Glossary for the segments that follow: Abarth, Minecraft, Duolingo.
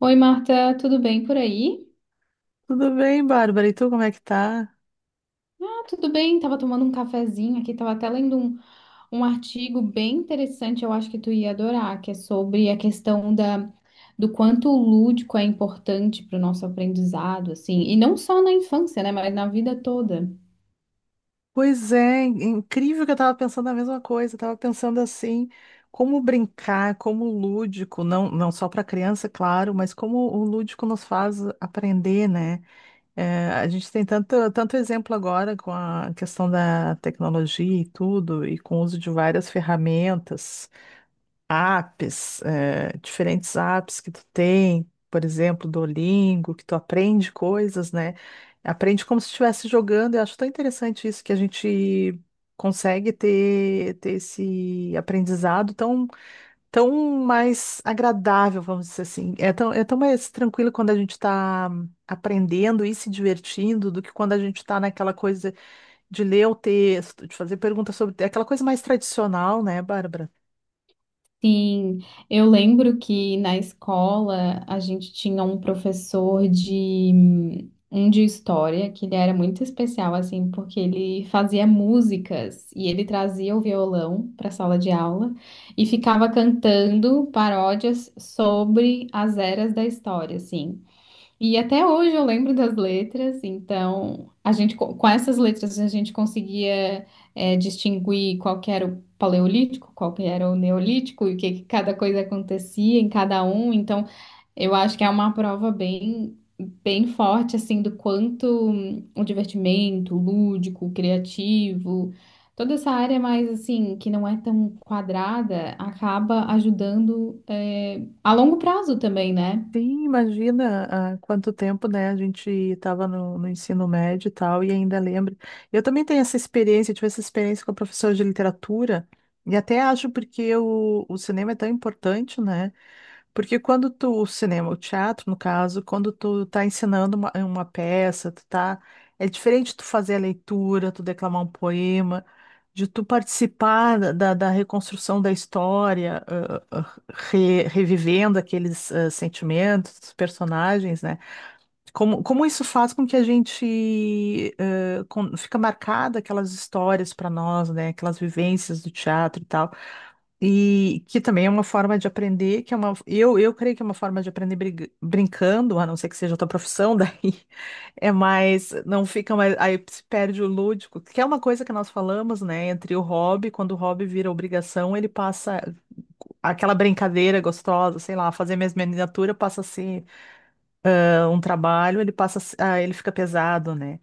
Oi, Marta, tudo bem por aí? Tudo bem, Bárbara? E tu, como é que tá? Ah, tudo bem, tava tomando um cafezinho aqui, tava até lendo um artigo bem interessante, eu acho que tu ia adorar, que é sobre a questão do quanto o lúdico é importante para o nosso aprendizado, assim, e não só na infância, né, mas na vida toda. Pois é, incrível que eu tava pensando a mesma coisa. Eu tava pensando assim, como brincar, como o lúdico, não, não só para criança, claro, mas como o lúdico nos faz aprender, né? É, a gente tem tanto, tanto exemplo agora com a questão da tecnologia e tudo, e com o uso de várias ferramentas. Apps, diferentes apps que tu tem, por exemplo, Duolingo, que tu aprende coisas, né? Aprende como se estivesse jogando. Eu acho tão interessante isso que a gente consegue ter esse aprendizado tão, tão mais agradável, vamos dizer assim. É tão mais tranquilo quando a gente está aprendendo e se divertindo do que quando a gente está naquela coisa de ler o texto, de fazer perguntas sobre é aquela coisa mais tradicional, né, Bárbara? Sim, eu lembro que na escola a gente tinha um professor de um de história que ele era muito especial assim, porque ele fazia músicas e ele trazia o violão para a sala de aula e ficava cantando paródias sobre as eras da história, assim. E até hoje eu lembro das letras, então com essas letras a gente conseguia distinguir qual que era o paleolítico, qual que era o neolítico e o que, que cada coisa acontecia em cada um. Então eu acho que é uma prova bem forte assim do quanto o divertimento, o lúdico, o criativo, toda essa área mais assim que não é tão quadrada acaba ajudando a longo prazo também, né? Sim, imagina há quanto tempo, né? A gente estava no ensino médio e tal, e ainda lembro. Eu também tenho essa experiência, tive essa experiência com a professora de literatura, e até acho porque o cinema é tão importante, né? Porque quando tu, o cinema, o teatro, no caso, quando tu tá ensinando uma peça, tu tá, é diferente tu fazer a leitura, tu declamar um poema, de tu participar da reconstrução da história, revivendo aqueles sentimentos, dos personagens, né? Como, como isso faz com que a gente fica marcada aquelas histórias para nós, né? Aquelas vivências do teatro e tal. E que também é uma forma de aprender, que é uma, eu creio que é uma forma de aprender brincando, a não ser que seja a tua profissão, daí é mais, não fica mais, aí se perde o lúdico, que é uma coisa que nós falamos, né, entre o hobby, quando o hobby vira obrigação, ele passa, aquela brincadeira gostosa, sei lá, fazer minhas miniatura passa a ser um trabalho, ele passa, a se- ah, ele fica pesado, né?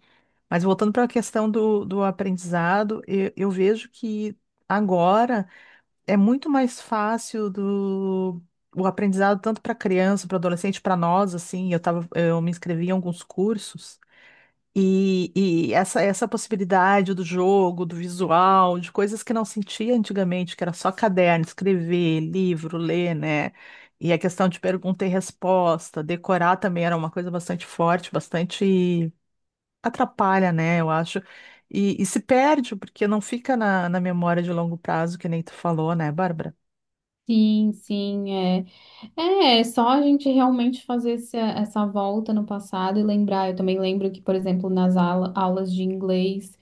Mas voltando para a questão do aprendizado, eu vejo que agora é muito mais fácil do o aprendizado tanto para criança, para adolescente, para nós, assim, eu tava, eu me inscrevi em alguns cursos e, e essa possibilidade do jogo, do visual, de coisas que não sentia antigamente, que era só caderno, escrever, livro, ler, né? E a questão de pergunta e resposta, decorar também era uma coisa bastante forte, bastante atrapalha, né? Eu acho. E se perde, porque não fica na memória de longo prazo, que nem tu falou, né, Bárbara? Sim, sim. É, é só a gente realmente fazer essa volta no passado e lembrar. Eu também lembro que, por exemplo, nas aulas de inglês,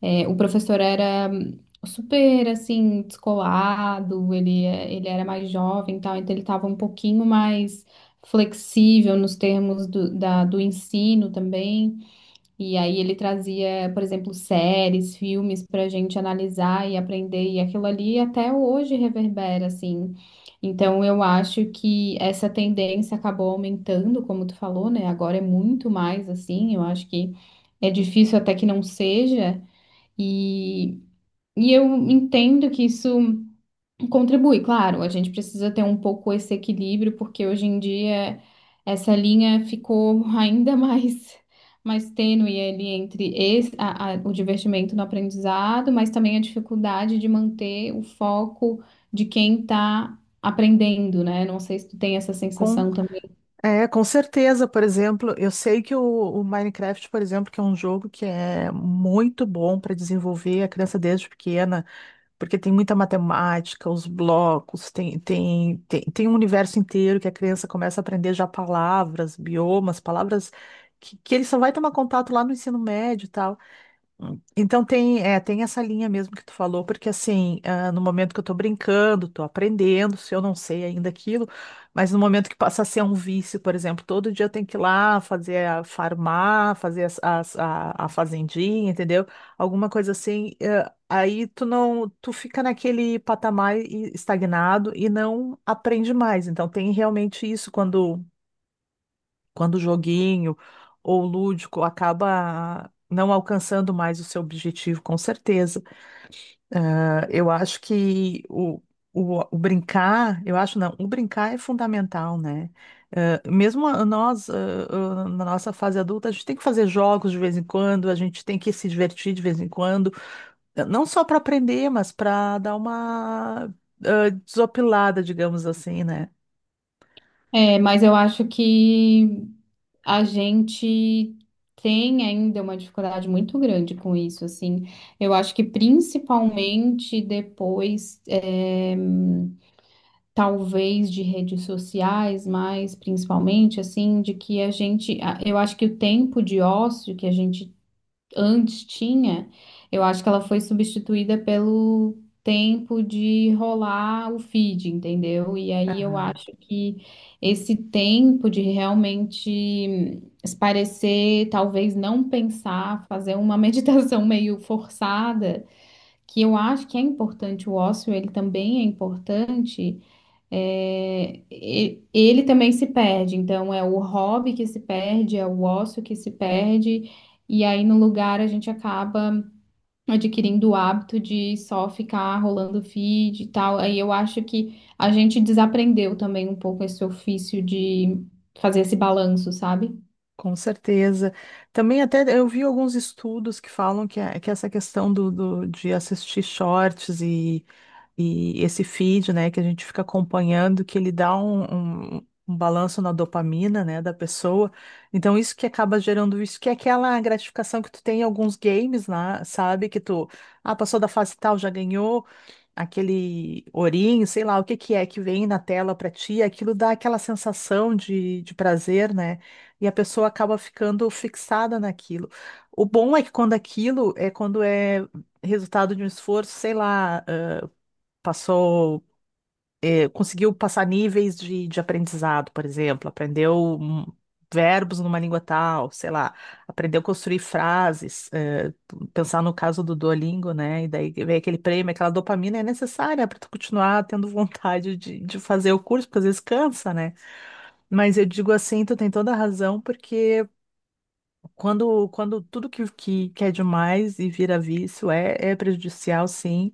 o professor era super, assim, descolado, ele, ele era mais jovem e tal, então ele estava um pouquinho mais flexível nos termos do ensino também. E aí ele trazia, por exemplo, séries, filmes para a gente analisar e aprender, e aquilo ali até hoje reverbera, assim. Então eu acho que essa tendência acabou aumentando, como tu falou, né? Agora é muito mais assim, eu acho que é difícil até que não seja, e, e eu entendo que isso. Contribui, claro, a gente precisa ter um pouco esse equilíbrio, porque hoje em dia essa linha ficou mais tênue ali entre o divertimento no aprendizado, mas também a dificuldade de manter o foco de quem está aprendendo, né? Não sei se tu tem essa Com, sensação também. Com certeza, por exemplo, eu sei que o Minecraft, por exemplo, que é um jogo que é muito bom para desenvolver a criança desde pequena, porque tem muita matemática, os blocos, tem um universo inteiro que a criança começa a aprender já palavras, biomas, palavras que ele só vai tomar contato lá no ensino médio e tal. Então tem, é, tem essa linha mesmo que tu falou, porque assim, ah, no momento que eu tô brincando, tô aprendendo, se eu não sei ainda aquilo, mas no momento que passa a ser um vício, por exemplo, todo dia eu tenho que ir lá fazer a farmar, fazer a fazendinha, entendeu? Alguma coisa assim, aí tu não, tu fica naquele patamar estagnado e não aprende mais. Então tem realmente isso quando quando o joguinho ou o lúdico acaba não alcançando mais o seu objetivo, com certeza. Ah, eu acho que o brincar, eu acho não, o brincar é fundamental, né? Nós, na nossa fase adulta, a gente tem que fazer jogos de vez em quando, a gente tem que se divertir de vez em quando, não só para aprender, mas para dar uma desopilada, digamos assim, né? É, mas eu acho que a gente tem ainda uma dificuldade muito grande com isso, assim. Eu acho que principalmente depois, talvez de redes sociais, mas principalmente assim, de que eu acho que o tempo de ócio que a gente antes tinha, eu acho que ela foi substituída pelo tempo de rolar o feed, entendeu? E aí eu acho que esse tempo de realmente esparecer, talvez não pensar, fazer uma meditação meio forçada, que eu acho que é importante, o ócio ele também é importante. É, ele também se perde, então é o hobby que se perde, é o ócio que se perde, e aí no lugar a gente acaba adquirindo o hábito de só ficar rolando feed e tal. Aí eu acho que a gente desaprendeu também um pouco esse ofício de fazer esse balanço, sabe? Com certeza. Também até eu vi alguns estudos que falam que, que essa questão de assistir shorts e esse feed, né, que a gente fica acompanhando, que ele dá um balanço na dopamina, né, da pessoa. Então, isso que acaba gerando isso, que é aquela gratificação que tu tem em alguns games, né, sabe? Que tu, ah, passou da fase tal, já ganhou, aquele ourinho, sei lá o que que é que vem na tela para ti, aquilo dá aquela sensação de prazer, né? E a pessoa acaba ficando fixada naquilo. O bom é que quando aquilo é quando é resultado de um esforço, sei lá, passou conseguiu passar níveis de aprendizado, por exemplo, aprendeu verbos numa língua tal, sei lá, aprendeu a construir frases, pensar no caso do Duolingo, né? E daí vem aquele prêmio, aquela dopamina é necessária para tu continuar tendo vontade de fazer o curso, porque às vezes cansa, né? Mas eu digo assim, tu tem toda a razão, porque quando tudo que é demais e vira vício é, é prejudicial, sim.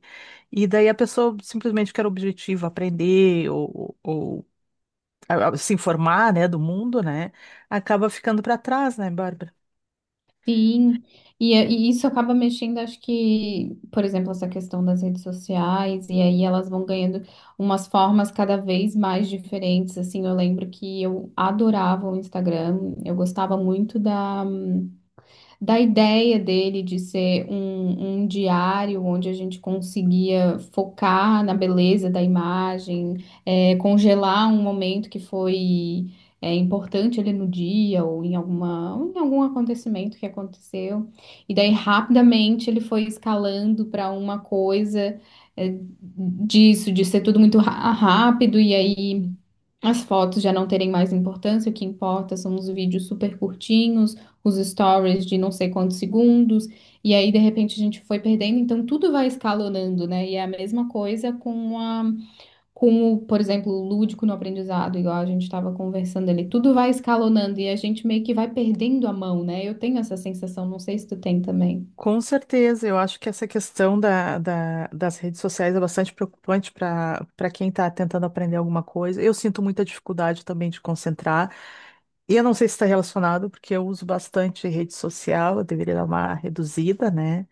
E daí a pessoa simplesmente quer o objetivo, aprender ou se informar, né, do mundo, né, acaba ficando para trás, né, Bárbara? Sim, e isso acaba mexendo, acho que, por exemplo, essa questão das redes sociais, e aí elas vão ganhando umas formas cada vez mais diferentes, assim, eu lembro que eu adorava o Instagram, eu gostava muito da ideia dele de ser um diário onde a gente conseguia focar na beleza da imagem, congelar um momento que foi importante ali no dia ou em alguma, ou em algum acontecimento que aconteceu. E daí rapidamente ele foi escalando para uma coisa é, disso, de ser tudo muito rápido e Hum. aí. As fotos já não terem mais importância, o que importa são os vídeos super curtinhos, os stories de não sei quantos segundos, e aí de repente a gente foi perdendo, então tudo vai escalonando, né? E é a mesma coisa com por exemplo, o lúdico no aprendizado, igual a gente estava conversando ali, tudo vai escalonando e a gente meio que vai perdendo a mão, né? Eu tenho essa sensação, não sei se tu tem também. Com certeza, eu acho que essa questão das redes sociais é bastante preocupante para para quem está tentando aprender alguma coisa. Eu sinto muita dificuldade também de concentrar. E eu não sei se está relacionado, porque eu uso bastante rede social, eu deveria dar uma reduzida, né?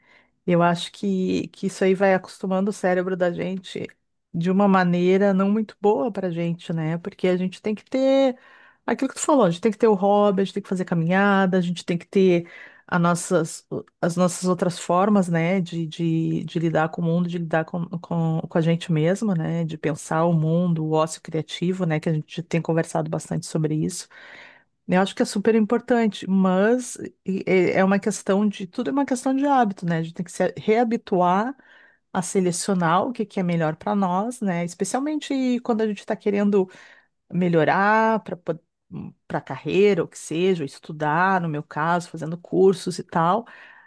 Eu acho que isso aí vai acostumando o cérebro da gente de uma maneira não muito boa pra gente, né? Porque a gente tem que ter aquilo que tu falou, a gente tem que ter o hobby, a gente tem que fazer caminhada, a gente tem que ter as nossas, as nossas outras formas, né? De lidar com o mundo, de lidar com a gente mesma, né? De pensar o mundo, o ócio criativo, né? Que a gente tem conversado bastante sobre isso. Eu acho que é super importante, mas é uma questão de, tudo é uma questão de hábito, né? A gente tem que se reabituar a selecionar o que que é melhor para nós, né? Especialmente quando a gente está querendo melhorar para para carreira, ou que seja, ou estudar, no meu caso, fazendo cursos e tal.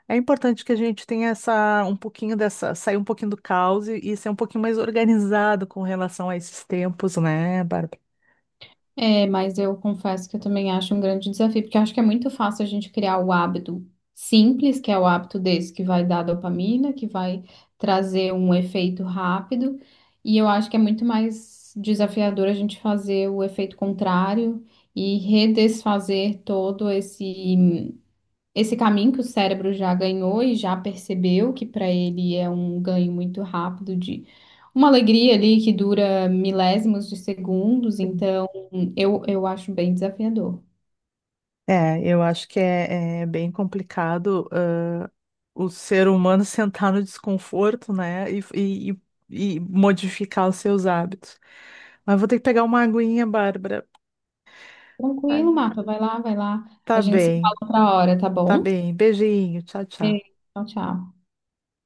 É importante que a gente tenha essa um pouquinho dessa, sair um pouquinho do caos e ser um pouquinho mais organizado com relação a esses tempos, né, Bárbara? É, mas eu confesso que eu também acho um grande desafio, porque eu acho que é muito fácil a gente criar o hábito simples, que é o hábito desse que vai dar dopamina, que vai trazer um efeito rápido, e eu acho que é muito mais desafiador a gente fazer o efeito contrário e redesfazer todo esse caminho que o cérebro já ganhou e já percebeu que para ele é um ganho muito rápido de uma alegria ali que dura milésimos de segundos, Sim. então eu acho bem desafiador. É, eu acho que é, é bem complicado, o ser humano sentar no desconforto, né, e modificar os seus hábitos. Mas vou ter que pegar uma aguinha, Bárbara. Ai, Tranquilo, não. Marta, vai lá, vai lá. A Tá gente se fala bem, outra hora, tá tá bom? bem. Beijinho, tchau, tchau. Beijo, tchau, tchau.